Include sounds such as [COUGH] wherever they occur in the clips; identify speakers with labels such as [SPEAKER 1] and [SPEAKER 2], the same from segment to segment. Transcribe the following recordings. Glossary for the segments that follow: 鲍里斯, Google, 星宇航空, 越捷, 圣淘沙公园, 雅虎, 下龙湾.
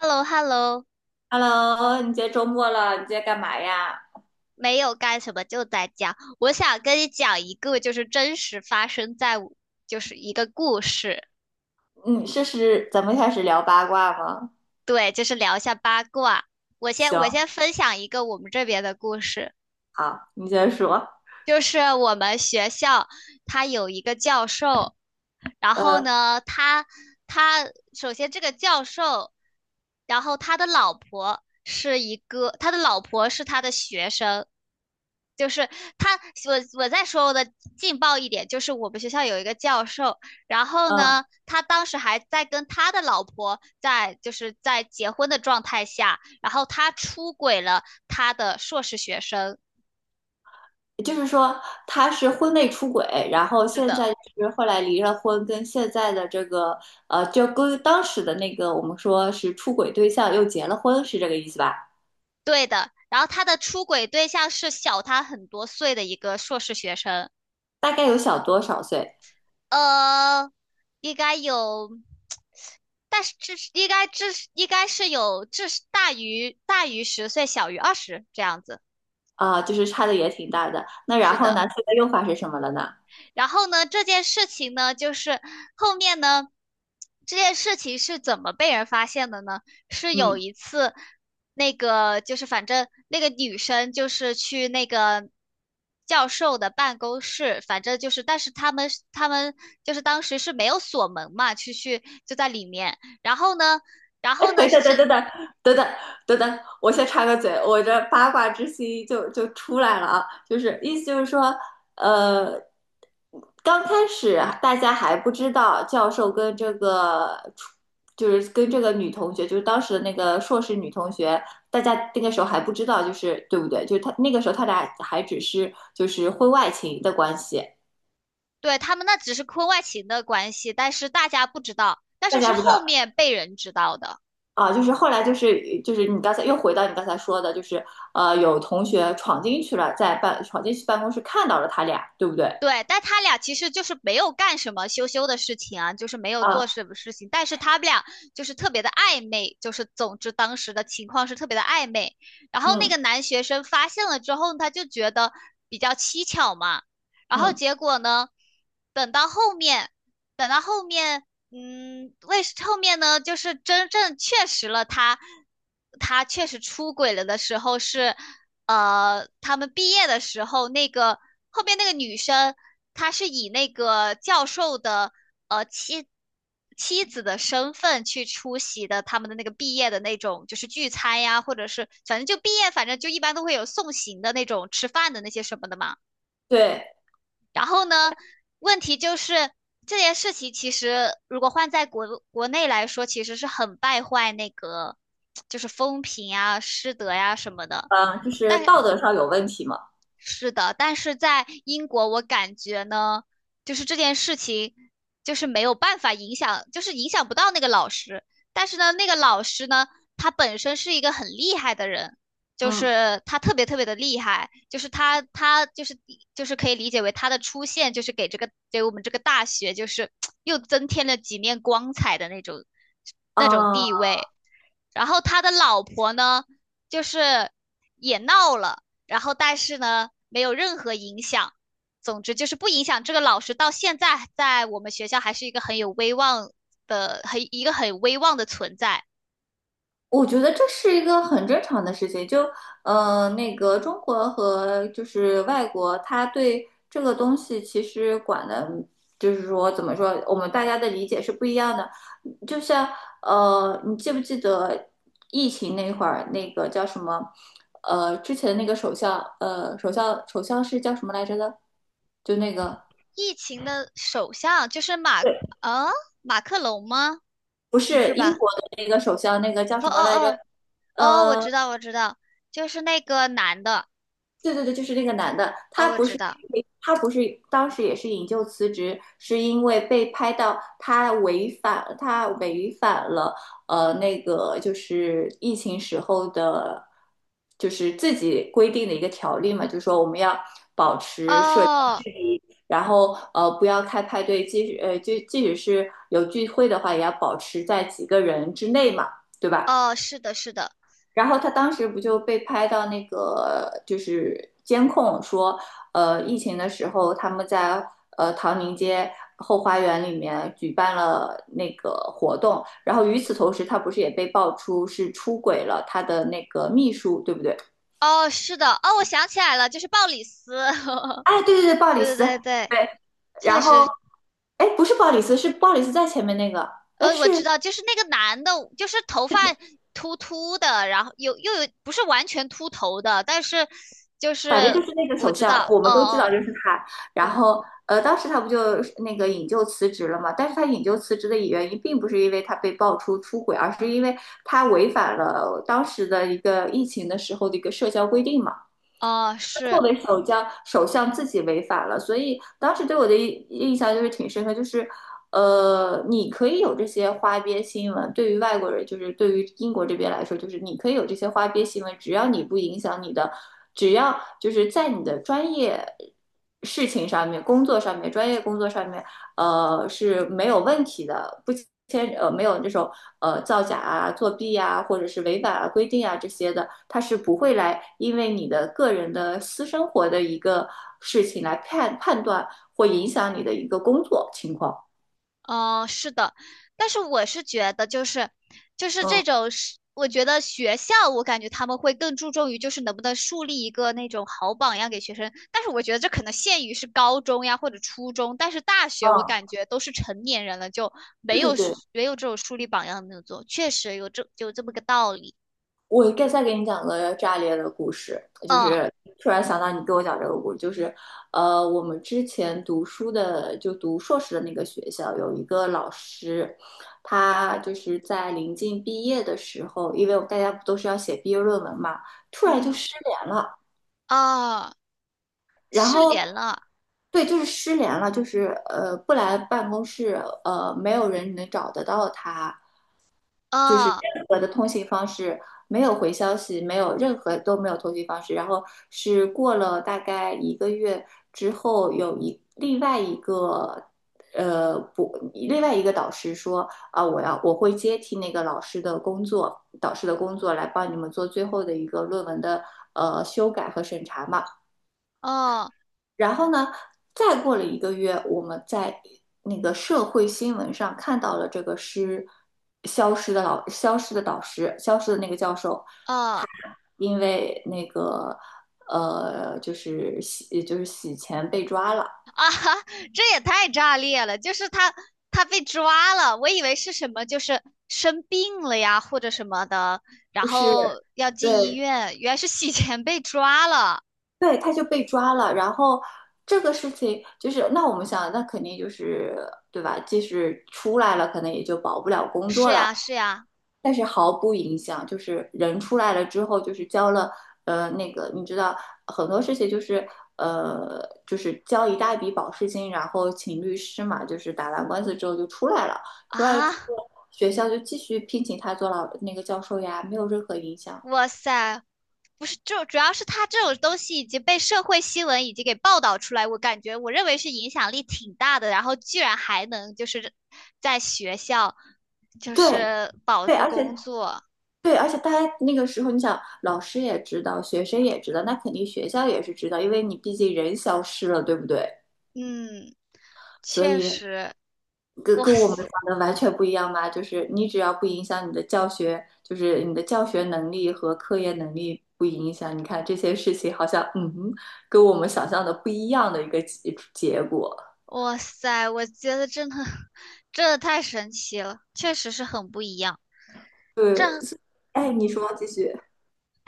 [SPEAKER 1] hello hello。
[SPEAKER 2] Hello，你今天周末了，你今天干嘛呀？
[SPEAKER 1] 没有干什么就在家。我想跟你讲一个，就是真实发生在我，就是一个故事。
[SPEAKER 2] 嗯，试是咱们开始聊八卦吗？
[SPEAKER 1] 对，就是聊一下八卦。我先我
[SPEAKER 2] 行，
[SPEAKER 1] 先分享一个我们这边的故事。
[SPEAKER 2] 好，你先说。
[SPEAKER 1] 就是我们学校他有一个教授，然后
[SPEAKER 2] 呃，
[SPEAKER 1] 呢，他首先这个教授，然后他的老婆是一个，他的老婆是他的学生，就是他，我再说我的劲爆一点。就是我们学校有一个教授，然后
[SPEAKER 2] 嗯，
[SPEAKER 1] 呢，他当时还在跟他的老婆，在就是在结婚的状态下，然后他出轨了他的硕士学生。
[SPEAKER 2] 就是说他是婚内出轨，然后
[SPEAKER 1] 是
[SPEAKER 2] 现
[SPEAKER 1] 的。
[SPEAKER 2] 在就是后来离了婚，跟现在的这个就跟当时的那个我们说是出轨对象又结了婚，是这个意思吧？
[SPEAKER 1] 对的。然后他的出轨对象是小他很多岁的一个硕士学生。
[SPEAKER 2] 大概有小多少岁
[SPEAKER 1] 呃，应该有。但是至应该是有大于10岁，小于20这样子。
[SPEAKER 2] 啊，就是差的也挺大的。那然
[SPEAKER 1] 是
[SPEAKER 2] 后呢，
[SPEAKER 1] 的，
[SPEAKER 2] 现在用法是什么了呢？
[SPEAKER 1] 然后呢，这件事情呢，就是后面呢，这件事情是怎么被人发现的呢？是有
[SPEAKER 2] 嗯。
[SPEAKER 1] 一次，那个就是反正那个女生就是去那个教授的办公室，反正就是，但是他们就是当时是没有锁门嘛，去就在里面，然后呢，然
[SPEAKER 2] [LAUGHS] 哎，
[SPEAKER 1] 后
[SPEAKER 2] 等
[SPEAKER 1] 呢
[SPEAKER 2] 一下等
[SPEAKER 1] 是。
[SPEAKER 2] 等等等等等等，我先插个嘴，我这八卦之心就出来了啊，就是意思就是说，呃，刚开始大家还不知道教授跟这个就是跟这个女同学，就是当时的那个硕士女同学，大家那个时候还不知道，就是对不对？就是他那个时候他俩还只是就是婚外情的关系，
[SPEAKER 1] 对，他们那只是婚外情的关系，但是大家不知道，但
[SPEAKER 2] 大
[SPEAKER 1] 是是
[SPEAKER 2] 家不知
[SPEAKER 1] 后
[SPEAKER 2] 道。
[SPEAKER 1] 面被人知道的。
[SPEAKER 2] 啊，就是后来就是你刚才又回到你刚才说的，就是有同学闯进去了，闯进去办公室看到了他俩，对不对？
[SPEAKER 1] 对，但他俩其实就是没有干什么羞羞的事情啊，就是没有
[SPEAKER 2] 啊，
[SPEAKER 1] 做什么事情，但是他们俩就是特别的暧昧，就是总之当时的情况是特别的暧昧。然后那
[SPEAKER 2] 嗯
[SPEAKER 1] 个男学生发现了之后，他就觉得比较蹊跷嘛。然后
[SPEAKER 2] 嗯，
[SPEAKER 1] 结果呢，等到后面等到后面，为后面呢，就是真正确实了他，他确实出轨了的时候是，他们毕业的时候，那个后面那个女生，她是以那个教授的呃妻妻子的身份去出席的他们的那个毕业的那种就是聚餐呀，或者是反正就毕业，反正就一般都会有送行的那种吃饭的那些什么的嘛。
[SPEAKER 2] 对，
[SPEAKER 1] 然后呢，问题就是这件事情其实如果换在国内来说，其实是很败坏那个就是风评啊、师德呀、什么的。
[SPEAKER 2] 嗯，就是
[SPEAKER 1] 但
[SPEAKER 2] 道德上有问题嘛，
[SPEAKER 1] 是的,但是在英国，我感觉呢，就是这件事情，就是没有办法影响，就是影响不到那个老师。但是呢，那个老师呢，他本身是一个很厉害的人，就
[SPEAKER 2] 嗯
[SPEAKER 1] 是他特别特别的厉害，就是他就是可以理解为他的出现，就是给我们这个大学，就是 [TSK] 又增添了几面光彩的那种
[SPEAKER 2] 啊。
[SPEAKER 1] 地位。然后他的老婆呢，就是也闹了，然后但是呢，没有任何影响。总之就是不影响这个老师，到现在在我们学校还是一个很有威望的，一个很威望的存在。
[SPEAKER 2] 我觉得这是一个很正常的事情，那个中国和就是外国，他对这个东西其实管的，就是说怎么说，我们大家的理解是不一样的。就像你记不记得疫情那会儿，那个叫什么？之前那个首相，首相是叫什么来着的？就那个，
[SPEAKER 1] 疫情的首相就是
[SPEAKER 2] 对，
[SPEAKER 1] 呃，啊马克龙吗？
[SPEAKER 2] 不
[SPEAKER 1] 不是
[SPEAKER 2] 是英
[SPEAKER 1] 吧？
[SPEAKER 2] 国的那个首相，那个叫
[SPEAKER 1] 哦
[SPEAKER 2] 什么
[SPEAKER 1] 哦
[SPEAKER 2] 来着？
[SPEAKER 1] 哦哦，我
[SPEAKER 2] 呃。
[SPEAKER 1] 知道我知道，就是那个男的。
[SPEAKER 2] 对对对，就是那个男的，
[SPEAKER 1] 哦，
[SPEAKER 2] 他
[SPEAKER 1] 我
[SPEAKER 2] 不
[SPEAKER 1] 知
[SPEAKER 2] 是
[SPEAKER 1] 道。
[SPEAKER 2] 他不是当时也是引咎辞职，是因为被拍到他违反了那个就是疫情时候的，就是自己规定的一个条例嘛，就是说我们要
[SPEAKER 1] 哦
[SPEAKER 2] 然后不要开派对，即使是有聚会的话，也要保持在几个人之内嘛，对吧？
[SPEAKER 1] 哦，是的，是的。
[SPEAKER 2] 然后他当时不就被拍到那个就是监控说，疫情的时候他们在唐宁街后花园里面举办了那个活动，然后与此同时，他不是也被爆出是出轨了他的那个秘书，对不对？
[SPEAKER 1] 哦，是的。哦，我想起来了，就是鲍里斯。[LAUGHS]
[SPEAKER 2] 哎，对对对，鲍里
[SPEAKER 1] 对
[SPEAKER 2] 斯，
[SPEAKER 1] 对对对，
[SPEAKER 2] 对，
[SPEAKER 1] 确
[SPEAKER 2] 然后
[SPEAKER 1] 实。
[SPEAKER 2] 哎，不是鲍里斯，是鲍里斯在前面那个，哎
[SPEAKER 1] 我知
[SPEAKER 2] 是。
[SPEAKER 1] 道，就是那个男的，就是头发秃秃的，然后又有不是完全秃头的，但是就
[SPEAKER 2] 反正
[SPEAKER 1] 是
[SPEAKER 2] 就是那个
[SPEAKER 1] 我
[SPEAKER 2] 首
[SPEAKER 1] 知
[SPEAKER 2] 相，
[SPEAKER 1] 道。
[SPEAKER 2] 我
[SPEAKER 1] 哦
[SPEAKER 2] 们都知道
[SPEAKER 1] 哦，
[SPEAKER 2] 就是他。然
[SPEAKER 1] 对。
[SPEAKER 2] 后，当时他不就那个引咎辞职了嘛？但是他引咎辞职的原因并不是因为他被爆出出轨，而是因为他违反了当时的一个疫情的时候的一个社交规定嘛。
[SPEAKER 1] 哦
[SPEAKER 2] 作
[SPEAKER 1] 是。
[SPEAKER 2] 为首相，首相自己违法了，所以当时对我的印象就是挺深刻，就是你可以有这些花边新闻，对于外国人，就是对于英国这边来说，就是你可以有这些花边新闻，只要你不影响你的，只要就是在你的专业事情上面、工作上面、专业工作上面是没有问题的，不牵呃没有这种造假啊、作弊啊，或者是违反啊规定啊这些的，它是不会来因为你的个人的私生活的一个事情来判断或影响你的一个工作情况。
[SPEAKER 1] 哦，是的。但是我是觉得，就是
[SPEAKER 2] 嗯
[SPEAKER 1] 这种是，我觉得学校，我感觉他们会更注重于就是能不能树立一个那种好榜样给学生，但是我觉得这可能限于是高中呀或者初中，但是大学我
[SPEAKER 2] 嗯，
[SPEAKER 1] 感觉都是成年人了，就没
[SPEAKER 2] 对
[SPEAKER 1] 有
[SPEAKER 2] 对对，
[SPEAKER 1] 没有这种树立榜样的那种作用，确实有这么个道理。
[SPEAKER 2] 我再给你讲个炸裂的故事，就
[SPEAKER 1] 嗯
[SPEAKER 2] 是突然想到你给我讲这个故事，就是我们之前读书的就读硕士的那个学校有一个老师，他就是在临近毕业的时候，因为大家不都是要写毕业论文嘛，突然就
[SPEAKER 1] 嗯
[SPEAKER 2] 失联了，
[SPEAKER 1] 啊，
[SPEAKER 2] 然
[SPEAKER 1] 失
[SPEAKER 2] 后
[SPEAKER 1] 联了
[SPEAKER 2] 对，就是失联了，就是不来办公室，没有人能找得到他。就是
[SPEAKER 1] 啊
[SPEAKER 2] 任何的通信方式没有回消息，没有任何都没有通信方式。然后是过了大概一个月之后，有一另外一个呃不，另外一个导师说啊，我会接替那个老师的工作，导师的工作来帮你们做最后的一个论文的修改和审查嘛。
[SPEAKER 1] 啊啊！
[SPEAKER 2] 然后呢，再过了一个月，我们在那个社会新闻上看到了这个失消失的老消失的导师，消失的那个教授，
[SPEAKER 1] 哦
[SPEAKER 2] 因为那个就是洗钱被抓了，
[SPEAKER 1] [LAUGHS] 啊哈，[LAUGHS] 这也太炸裂了！就是他被抓了，我以为是什么，就是生病了呀，或者什么的，然
[SPEAKER 2] 就是
[SPEAKER 1] 后要进医
[SPEAKER 2] 对
[SPEAKER 1] 院，原来是洗钱被抓了。
[SPEAKER 2] 对，他就被抓了。然后这个事情就是那我们想，那肯定就是对吧？即使出来了，可能也就保不了工
[SPEAKER 1] 是
[SPEAKER 2] 作了。
[SPEAKER 1] 呀，是呀，
[SPEAKER 2] 但是毫不影响，就是人出来了之后，就是交了，那个你知道很多事情就是，就是交一大笔保释金，然后请律师嘛，就是打完官司之后就出来了，
[SPEAKER 1] 啊，
[SPEAKER 2] 学校就继续聘请他做那个教授呀，没有任何影响。
[SPEAKER 1] 哇塞，不是，就主要是他这种东西已经被社会新闻已经给报道出来，我感觉我认为是影响力挺大的，然后居然还能就是在学校就
[SPEAKER 2] 对
[SPEAKER 1] 是保
[SPEAKER 2] 对，
[SPEAKER 1] 住
[SPEAKER 2] 而且
[SPEAKER 1] 工作。
[SPEAKER 2] 对，而且大家那个时候，你想老师也知道，学生也知道，那肯定学校也是知道，因为你毕竟人消失了，对不对？
[SPEAKER 1] 嗯。
[SPEAKER 2] 所
[SPEAKER 1] 确
[SPEAKER 2] 以
[SPEAKER 1] 实，
[SPEAKER 2] 跟
[SPEAKER 1] 哇
[SPEAKER 2] 跟我们想
[SPEAKER 1] 塞，
[SPEAKER 2] 的完全不一样吧？就是你只要不影响你的教学，就是你的教学能力和科研能力不影响，你看这些事情好像嗯哼，跟我们想象的不一样的一个结果。
[SPEAKER 1] 哇塞，我觉得真的 [LAUGHS] 真的太神奇了，确实是很不一样。
[SPEAKER 2] 对，哎，你说继续。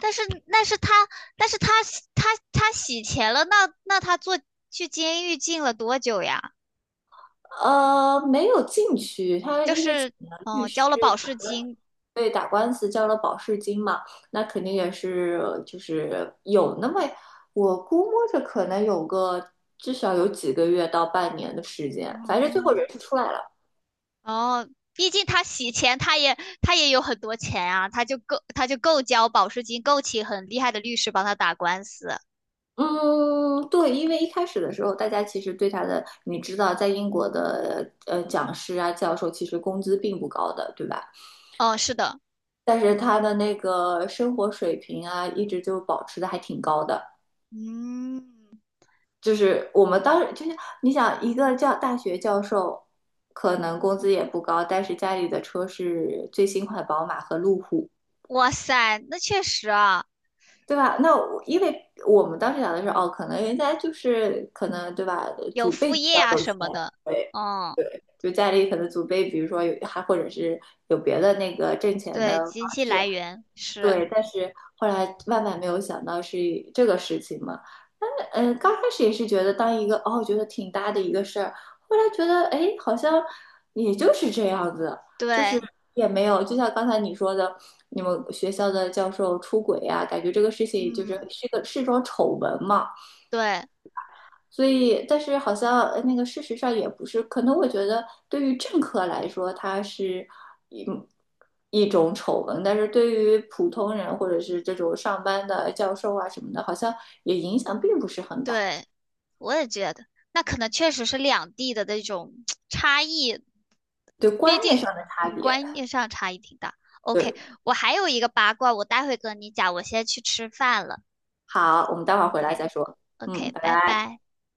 [SPEAKER 1] 但是，但是他，但是他洗钱了，那他去监狱进了多久呀？
[SPEAKER 2] 没有进去，他
[SPEAKER 1] 就
[SPEAKER 2] 因为请
[SPEAKER 1] 是，
[SPEAKER 2] 了律
[SPEAKER 1] 哦，
[SPEAKER 2] 师，
[SPEAKER 1] 交了保释金。
[SPEAKER 2] 为打官司交了保释金嘛，那肯定也是就是有那么，我估摸着可能至少有几个月到半年的时间，反正最后
[SPEAKER 1] 哦
[SPEAKER 2] 人是出来了。
[SPEAKER 1] 哦，毕竟他洗钱，他也有很多钱啊，他就够交保释金，够请很厉害的律师帮他打官司。
[SPEAKER 2] 嗯，对，因为一开始的时候，大家其实对他的，你知道，在英国的讲师啊、教授，其实工资并不高的，对吧？
[SPEAKER 1] 哦，是的，
[SPEAKER 2] 但是他的那个生活水平啊，一直就保持的还挺高的。
[SPEAKER 1] 嗯，
[SPEAKER 2] 就是我们当时就是你想一个大学教授，可能工资也不高，但是家里的车是最新款宝马和路虎，
[SPEAKER 1] 哇塞，那确实啊。
[SPEAKER 2] 对吧？因为我们当时想的是，哦，可能人家就是可能对吧，
[SPEAKER 1] 有
[SPEAKER 2] 祖辈
[SPEAKER 1] 副
[SPEAKER 2] 比
[SPEAKER 1] 业啊
[SPEAKER 2] 较有钱，
[SPEAKER 1] 什么的。
[SPEAKER 2] 对
[SPEAKER 1] 嗯，
[SPEAKER 2] 对，就家里可能祖辈，比如说或者是有别的那个挣钱
[SPEAKER 1] 对，
[SPEAKER 2] 的方
[SPEAKER 1] 经济来
[SPEAKER 2] 式，
[SPEAKER 1] 源是，
[SPEAKER 2] 对，但是后来万万没有想到是这个事情嘛。但是，嗯，刚开始也是觉得当一个哦，觉得挺大的一个事儿，后来觉得哎，诶好像也就是这样子，就是
[SPEAKER 1] 对，
[SPEAKER 2] 也没有，就像刚才你说的，你们学校的教授出轨呀、感觉这个事情就是
[SPEAKER 1] 嗯，
[SPEAKER 2] 是一个是一种丑闻嘛。
[SPEAKER 1] 对
[SPEAKER 2] 所以，但是好像那个事实上也不是，可能我觉得对于政客来说，它是一一种丑闻，但是对于普通人或者是这种上班的教授啊什么的，好像也影响并不是很大，
[SPEAKER 1] 对，我也觉得，那可能确实是两地的那种 [TSK] 差异。
[SPEAKER 2] 对
[SPEAKER 1] 毕
[SPEAKER 2] 观念
[SPEAKER 1] 竟，
[SPEAKER 2] 上的差
[SPEAKER 1] 嗯，
[SPEAKER 2] 别。
[SPEAKER 1] 观念上差异挺大。OK,
[SPEAKER 2] 对，
[SPEAKER 1] 我还有一个八卦，我待会跟你讲，我先去吃饭了。
[SPEAKER 2] 好，我们待会儿回来再说。嗯，
[SPEAKER 1] OK，OK，
[SPEAKER 2] 拜
[SPEAKER 1] 拜
[SPEAKER 2] 拜。
[SPEAKER 1] 拜。